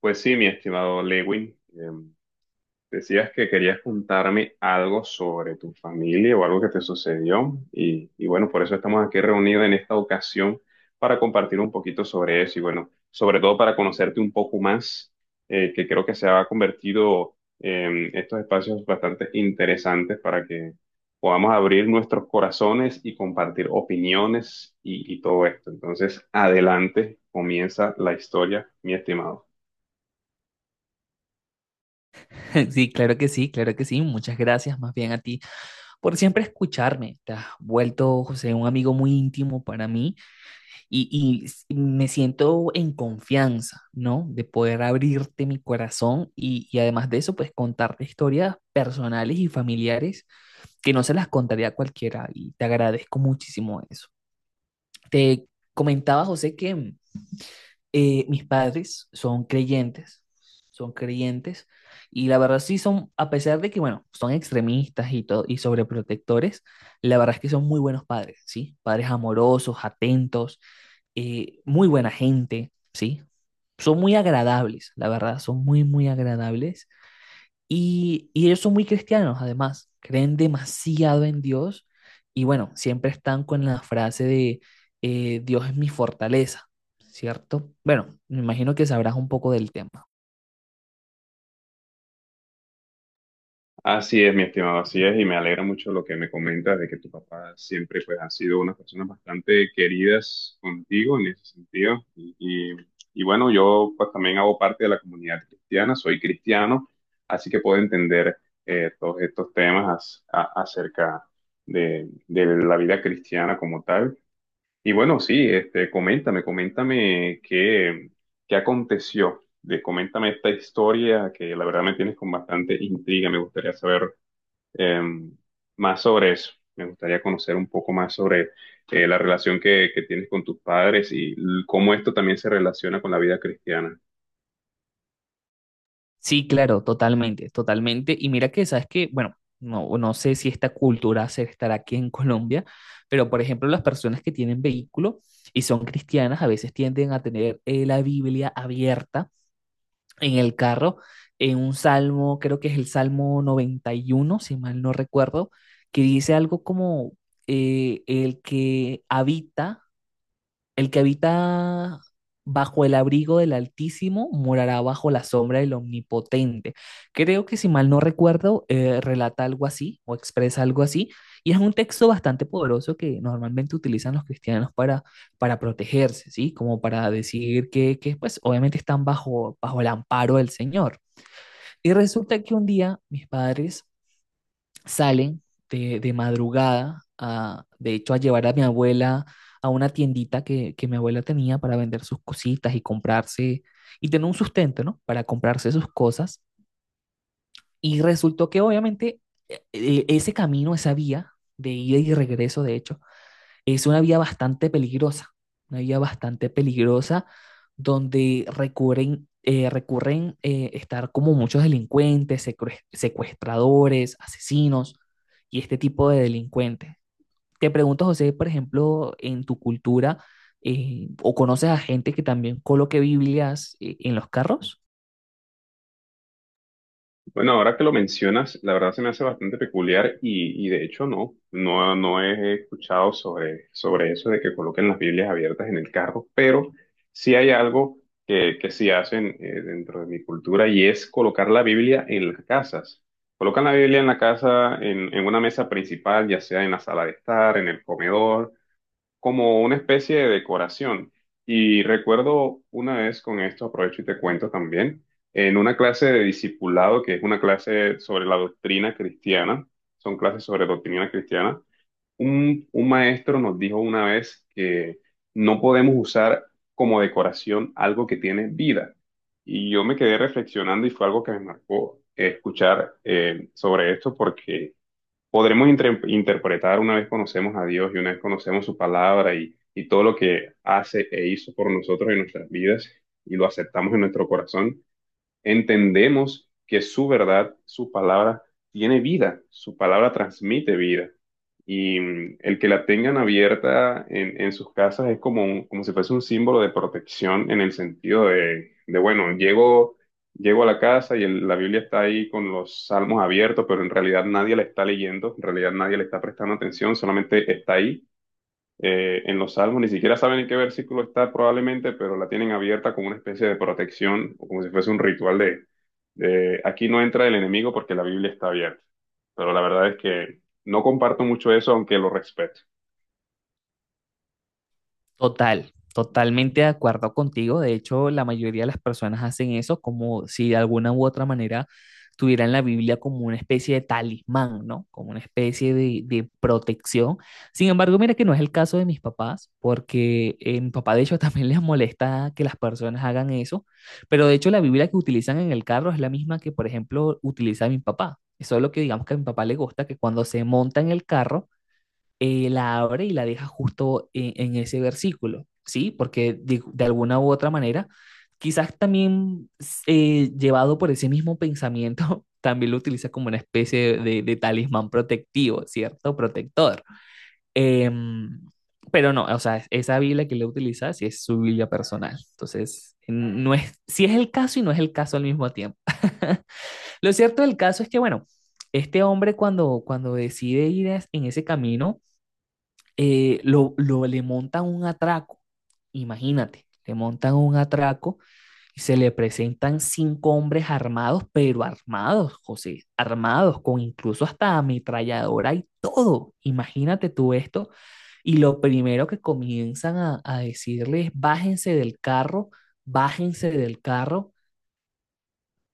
Pues sí, mi estimado Lewin, decías que querías contarme algo sobre tu familia o algo que te sucedió y bueno, por eso estamos aquí reunidos en esta ocasión para compartir un poquito sobre eso y bueno, sobre todo para conocerte un poco más, que creo que se ha convertido en estos espacios bastante interesantes para que podamos abrir nuestros corazones y compartir opiniones y todo esto. Entonces, adelante, comienza la historia, mi estimado. Sí, claro que sí, claro que sí. Muchas gracias más bien a ti por siempre escucharme. Te has vuelto, José, un amigo muy íntimo para mí me siento en confianza, ¿no? De poder abrirte mi corazón y además de eso, pues contarte historias personales y familiares que no se las contaría a cualquiera y te agradezco muchísimo eso. Te comentaba, José, que mis padres son creyentes, son creyentes, y la verdad sí son, a pesar de que, bueno, son extremistas y todo, y sobreprotectores, la verdad es que son muy buenos padres, ¿sí? Padres amorosos, atentos, muy buena gente, ¿sí? Son muy agradables, la verdad, son muy, muy agradables. Y ellos son muy cristianos, además, creen demasiado en Dios y bueno, siempre están con la frase de Dios es mi fortaleza, ¿cierto? Bueno, me imagino que sabrás un poco del tema. Así es, mi estimado, así es, y me alegra mucho lo que me comentas de que tu papá siempre pues ha sido una persona bastante queridas contigo en ese sentido. Y bueno, yo pues también hago parte de la comunidad cristiana, soy cristiano, así que puedo entender todos estos temas acerca de la vida cristiana como tal. Y bueno, sí, este, coméntame qué, ¿qué aconteció? De, coméntame esta historia que la verdad me tienes con bastante intriga. Me gustaría saber em, más sobre eso. Me gustaría conocer un poco más sobre la relación que tienes con tus padres y cómo esto también se relaciona con la vida cristiana. Sí, claro, totalmente, totalmente. Y mira que, sabes que, bueno, no sé si esta cultura se estará aquí en Colombia, pero por ejemplo, las personas que tienen vehículo y son cristianas a veces tienden a tener la Biblia abierta en el carro, en un salmo, creo que es el Salmo 91 si mal no recuerdo, que dice algo como eh, el que habita el que habita bajo el abrigo del Altísimo morará bajo la sombra del Omnipotente. Creo que si mal no recuerdo, relata algo así o expresa algo así. Y es un texto bastante poderoso que normalmente utilizan los cristianos para protegerse, ¿sí? Como para decir que pues obviamente están bajo el amparo del Señor. Y resulta que un día mis padres salen de madrugada, a, de hecho, a llevar a mi abuela a una tiendita que mi abuela tenía para vender sus cositas y comprarse, y tener un sustento, ¿no? Para comprarse sus cosas. Y resultó que obviamente ese camino, esa vía de ida y regreso, de hecho, es una vía bastante peligrosa, una vía bastante peligrosa donde recurren, recurren estar como muchos delincuentes, secuestradores, asesinos y este tipo de delincuentes. Te pregunto, José, por ejemplo, en tu cultura, ¿o conoces a gente que también coloque Biblias en los carros? Bueno, ahora que lo mencionas, la verdad se me hace bastante peculiar y de hecho no, no, no he escuchado sobre eso de que coloquen las Biblias abiertas en el carro, pero sí hay algo que sí hacen dentro de mi cultura y es colocar la Biblia en las casas. Colocan la Biblia en la casa, en una mesa principal, ya sea en la sala de estar, en el comedor como una especie de decoración. Y recuerdo una vez con esto, aprovecho y te cuento también, en una clase de discipulado, que es una clase sobre la doctrina cristiana, son clases sobre doctrina cristiana, un maestro nos dijo una vez que no podemos usar como decoración algo que tiene vida. Y yo me quedé reflexionando y fue algo que me marcó escuchar sobre esto porque podremos interpretar una vez conocemos a Dios y una vez conocemos su palabra y todo lo que hace e hizo por nosotros en nuestras vidas y lo aceptamos en nuestro corazón, entendemos que su verdad, su palabra, tiene vida, su palabra transmite vida. Y el que la tengan abierta en sus casas es como, como si fuese un símbolo de protección en el sentido de, bueno, llego a la casa y la Biblia está ahí con los salmos abiertos, pero en realidad nadie la está leyendo, en realidad nadie le está prestando atención, solamente está ahí en los salmos, ni siquiera saben en qué versículo está probablemente, pero la tienen abierta como una especie de protección, o como si fuese un ritual de, aquí no entra el enemigo porque la Biblia está abierta. Pero la verdad es que no comparto mucho eso, aunque lo respeto. Total, totalmente de acuerdo contigo. De hecho, la mayoría de las personas hacen eso como si de alguna u otra manera tuvieran la Biblia como una especie de talismán, ¿no? Como una especie de protección. Sin embargo, mira que no es el caso de mis papás, porque mi papá de hecho también les molesta que las personas hagan eso, pero de hecho la Biblia que utilizan en el carro es la misma que, por ejemplo, utiliza mi papá. Eso es lo que digamos que a mi papá le gusta, que cuando se monta en el carro, la abre y la deja justo en ese versículo, ¿sí? Porque de alguna u otra manera, quizás también llevado por ese mismo pensamiento, también lo utiliza como una especie de talismán protectivo, ¿cierto? Protector. Eh, pero no, o sea, esa Biblia que le utiliza sí es su Biblia personal. Entonces, no es, sí es el caso y no es el caso al mismo tiempo. Lo cierto del caso es que, bueno, este hombre cuando decide ir en ese camino, le montan un atraco, imagínate, le montan un atraco y se le presentan cinco hombres armados, pero armados, José, armados, con incluso hasta ametralladora y todo. Imagínate tú esto. Y lo primero que comienzan a decirles, bájense del carro, bájense del carro,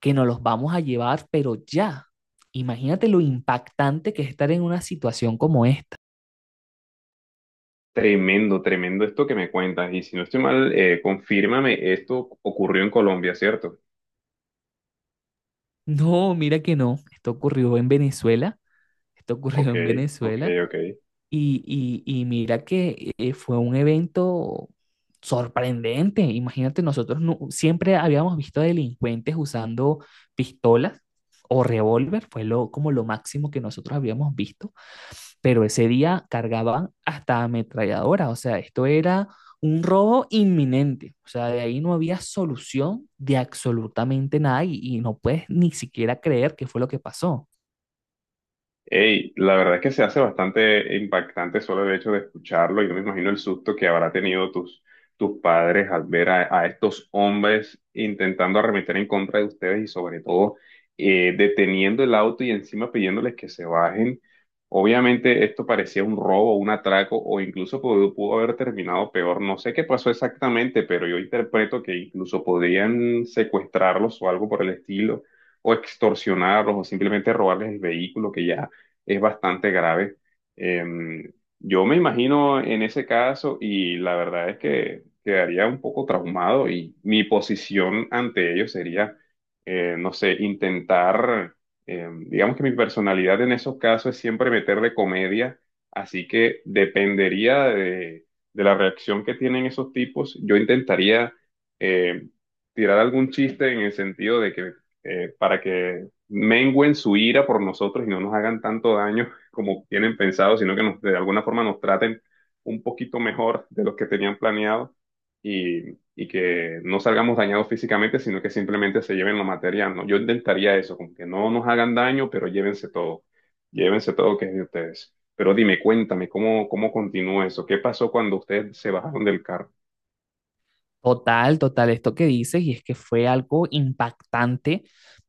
que nos los vamos a llevar, pero ya. Imagínate lo impactante que es estar en una situación como esta. Tremendo, tremendo esto que me cuentas. Y si no estoy mal, confírmame, esto ocurrió en Colombia, ¿cierto? No, mira que no. Esto ocurrió en Venezuela. Esto ocurrió Ok, en ok, Venezuela. ok. Y mira que fue un evento sorprendente. Imagínate, nosotros siempre habíamos visto delincuentes usando pistolas o revólver. Fue lo, como lo máximo que nosotros habíamos visto, pero ese día cargaban hasta ametralladora, o sea, esto era un robo inminente, o sea, de ahí no había solución de absolutamente nada y no puedes ni siquiera creer qué fue lo que pasó. Ey, la verdad es que se hace bastante impactante solo el hecho de escucharlo. Yo me imagino el susto que habrá tenido tus, tus padres al ver a estos hombres intentando arremeter en contra de ustedes y sobre todo deteniendo el auto y encima pidiéndoles que se bajen. Obviamente esto parecía un robo, un atraco o incluso pudo, pudo haber terminado peor. No sé qué pasó exactamente, pero yo interpreto que incluso podrían secuestrarlos o algo por el estilo, o extorsionarlos o simplemente robarles el vehículo que ya es bastante grave. Eh, yo me imagino en ese caso y la verdad es que quedaría un poco traumado y mi posición ante ello sería, no sé, intentar, digamos que mi personalidad en esos casos es siempre meterle comedia, así que dependería de la reacción que tienen esos tipos. Yo intentaría eh, tirar algún chiste en el sentido de que para que mengüen su ira por nosotros y no nos hagan tanto daño como tienen pensado, sino que nos, de alguna forma nos traten un poquito mejor de lo que tenían planeado y que no salgamos dañados físicamente, sino que simplemente se lleven lo material, ¿no? Yo intentaría eso, como que no nos hagan daño, pero llévense todo que es de ustedes. Pero dime, cuéntame, ¿cómo, cómo continúa eso? ¿Qué pasó cuando ustedes se bajaron del carro? Total, total, esto que dices, y es que fue algo impactante,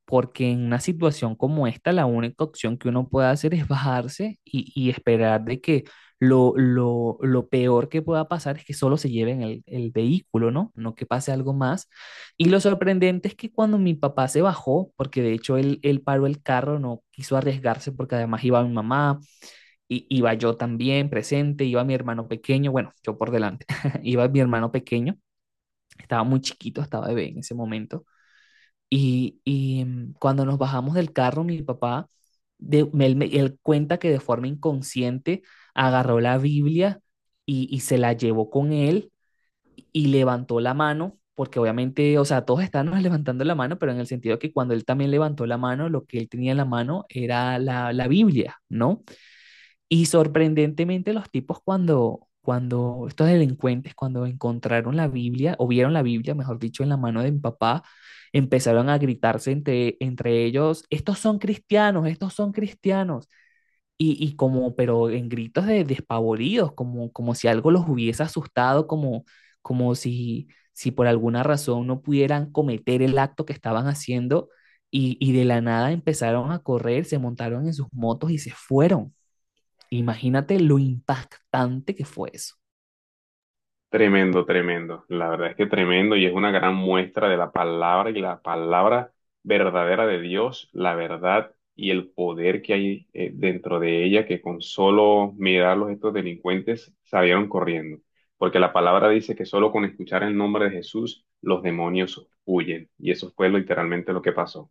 porque en una situación como esta, la única opción que uno puede hacer es bajarse y esperar de que lo peor que pueda pasar es que solo se lleven el vehículo, ¿no? No que pase algo más. Y lo sorprendente es que cuando mi papá se bajó, porque de hecho él paró el carro, no quiso arriesgarse porque además iba mi mamá, iba yo también presente, iba mi hermano pequeño, bueno, yo por delante, iba mi hermano pequeño. Estaba muy chiquito, estaba bebé en ese momento. Cuando nos bajamos del carro, mi papá, él cuenta que de forma inconsciente agarró la Biblia y se la llevó con él y levantó la mano, porque obviamente, o sea, todos estábamos levantando la mano, pero en el sentido que cuando él también levantó la mano, lo que él tenía en la mano era la Biblia, ¿no? Y sorprendentemente los tipos cuando estos delincuentes, cuando encontraron la Biblia, o vieron la Biblia, mejor dicho, en la mano de mi papá, empezaron a gritarse entre ellos, estos son cristianos, Y, y como, pero en gritos de despavoridos, como, como si algo los hubiese asustado, como, como si, si por alguna razón no pudieran cometer el acto que estaban haciendo. Y de la nada empezaron a correr, se montaron en sus motos y se fueron. Imagínate lo impactante que fue eso. Tremendo, tremendo. La verdad es que tremendo y es una gran muestra de la palabra y la palabra verdadera de Dios, la verdad y el poder que hay dentro de ella, que con solo mirarlos estos delincuentes salieron corriendo. Porque la palabra dice que solo con escuchar el nombre de Jesús los demonios huyen. Y eso fue literalmente lo que pasó.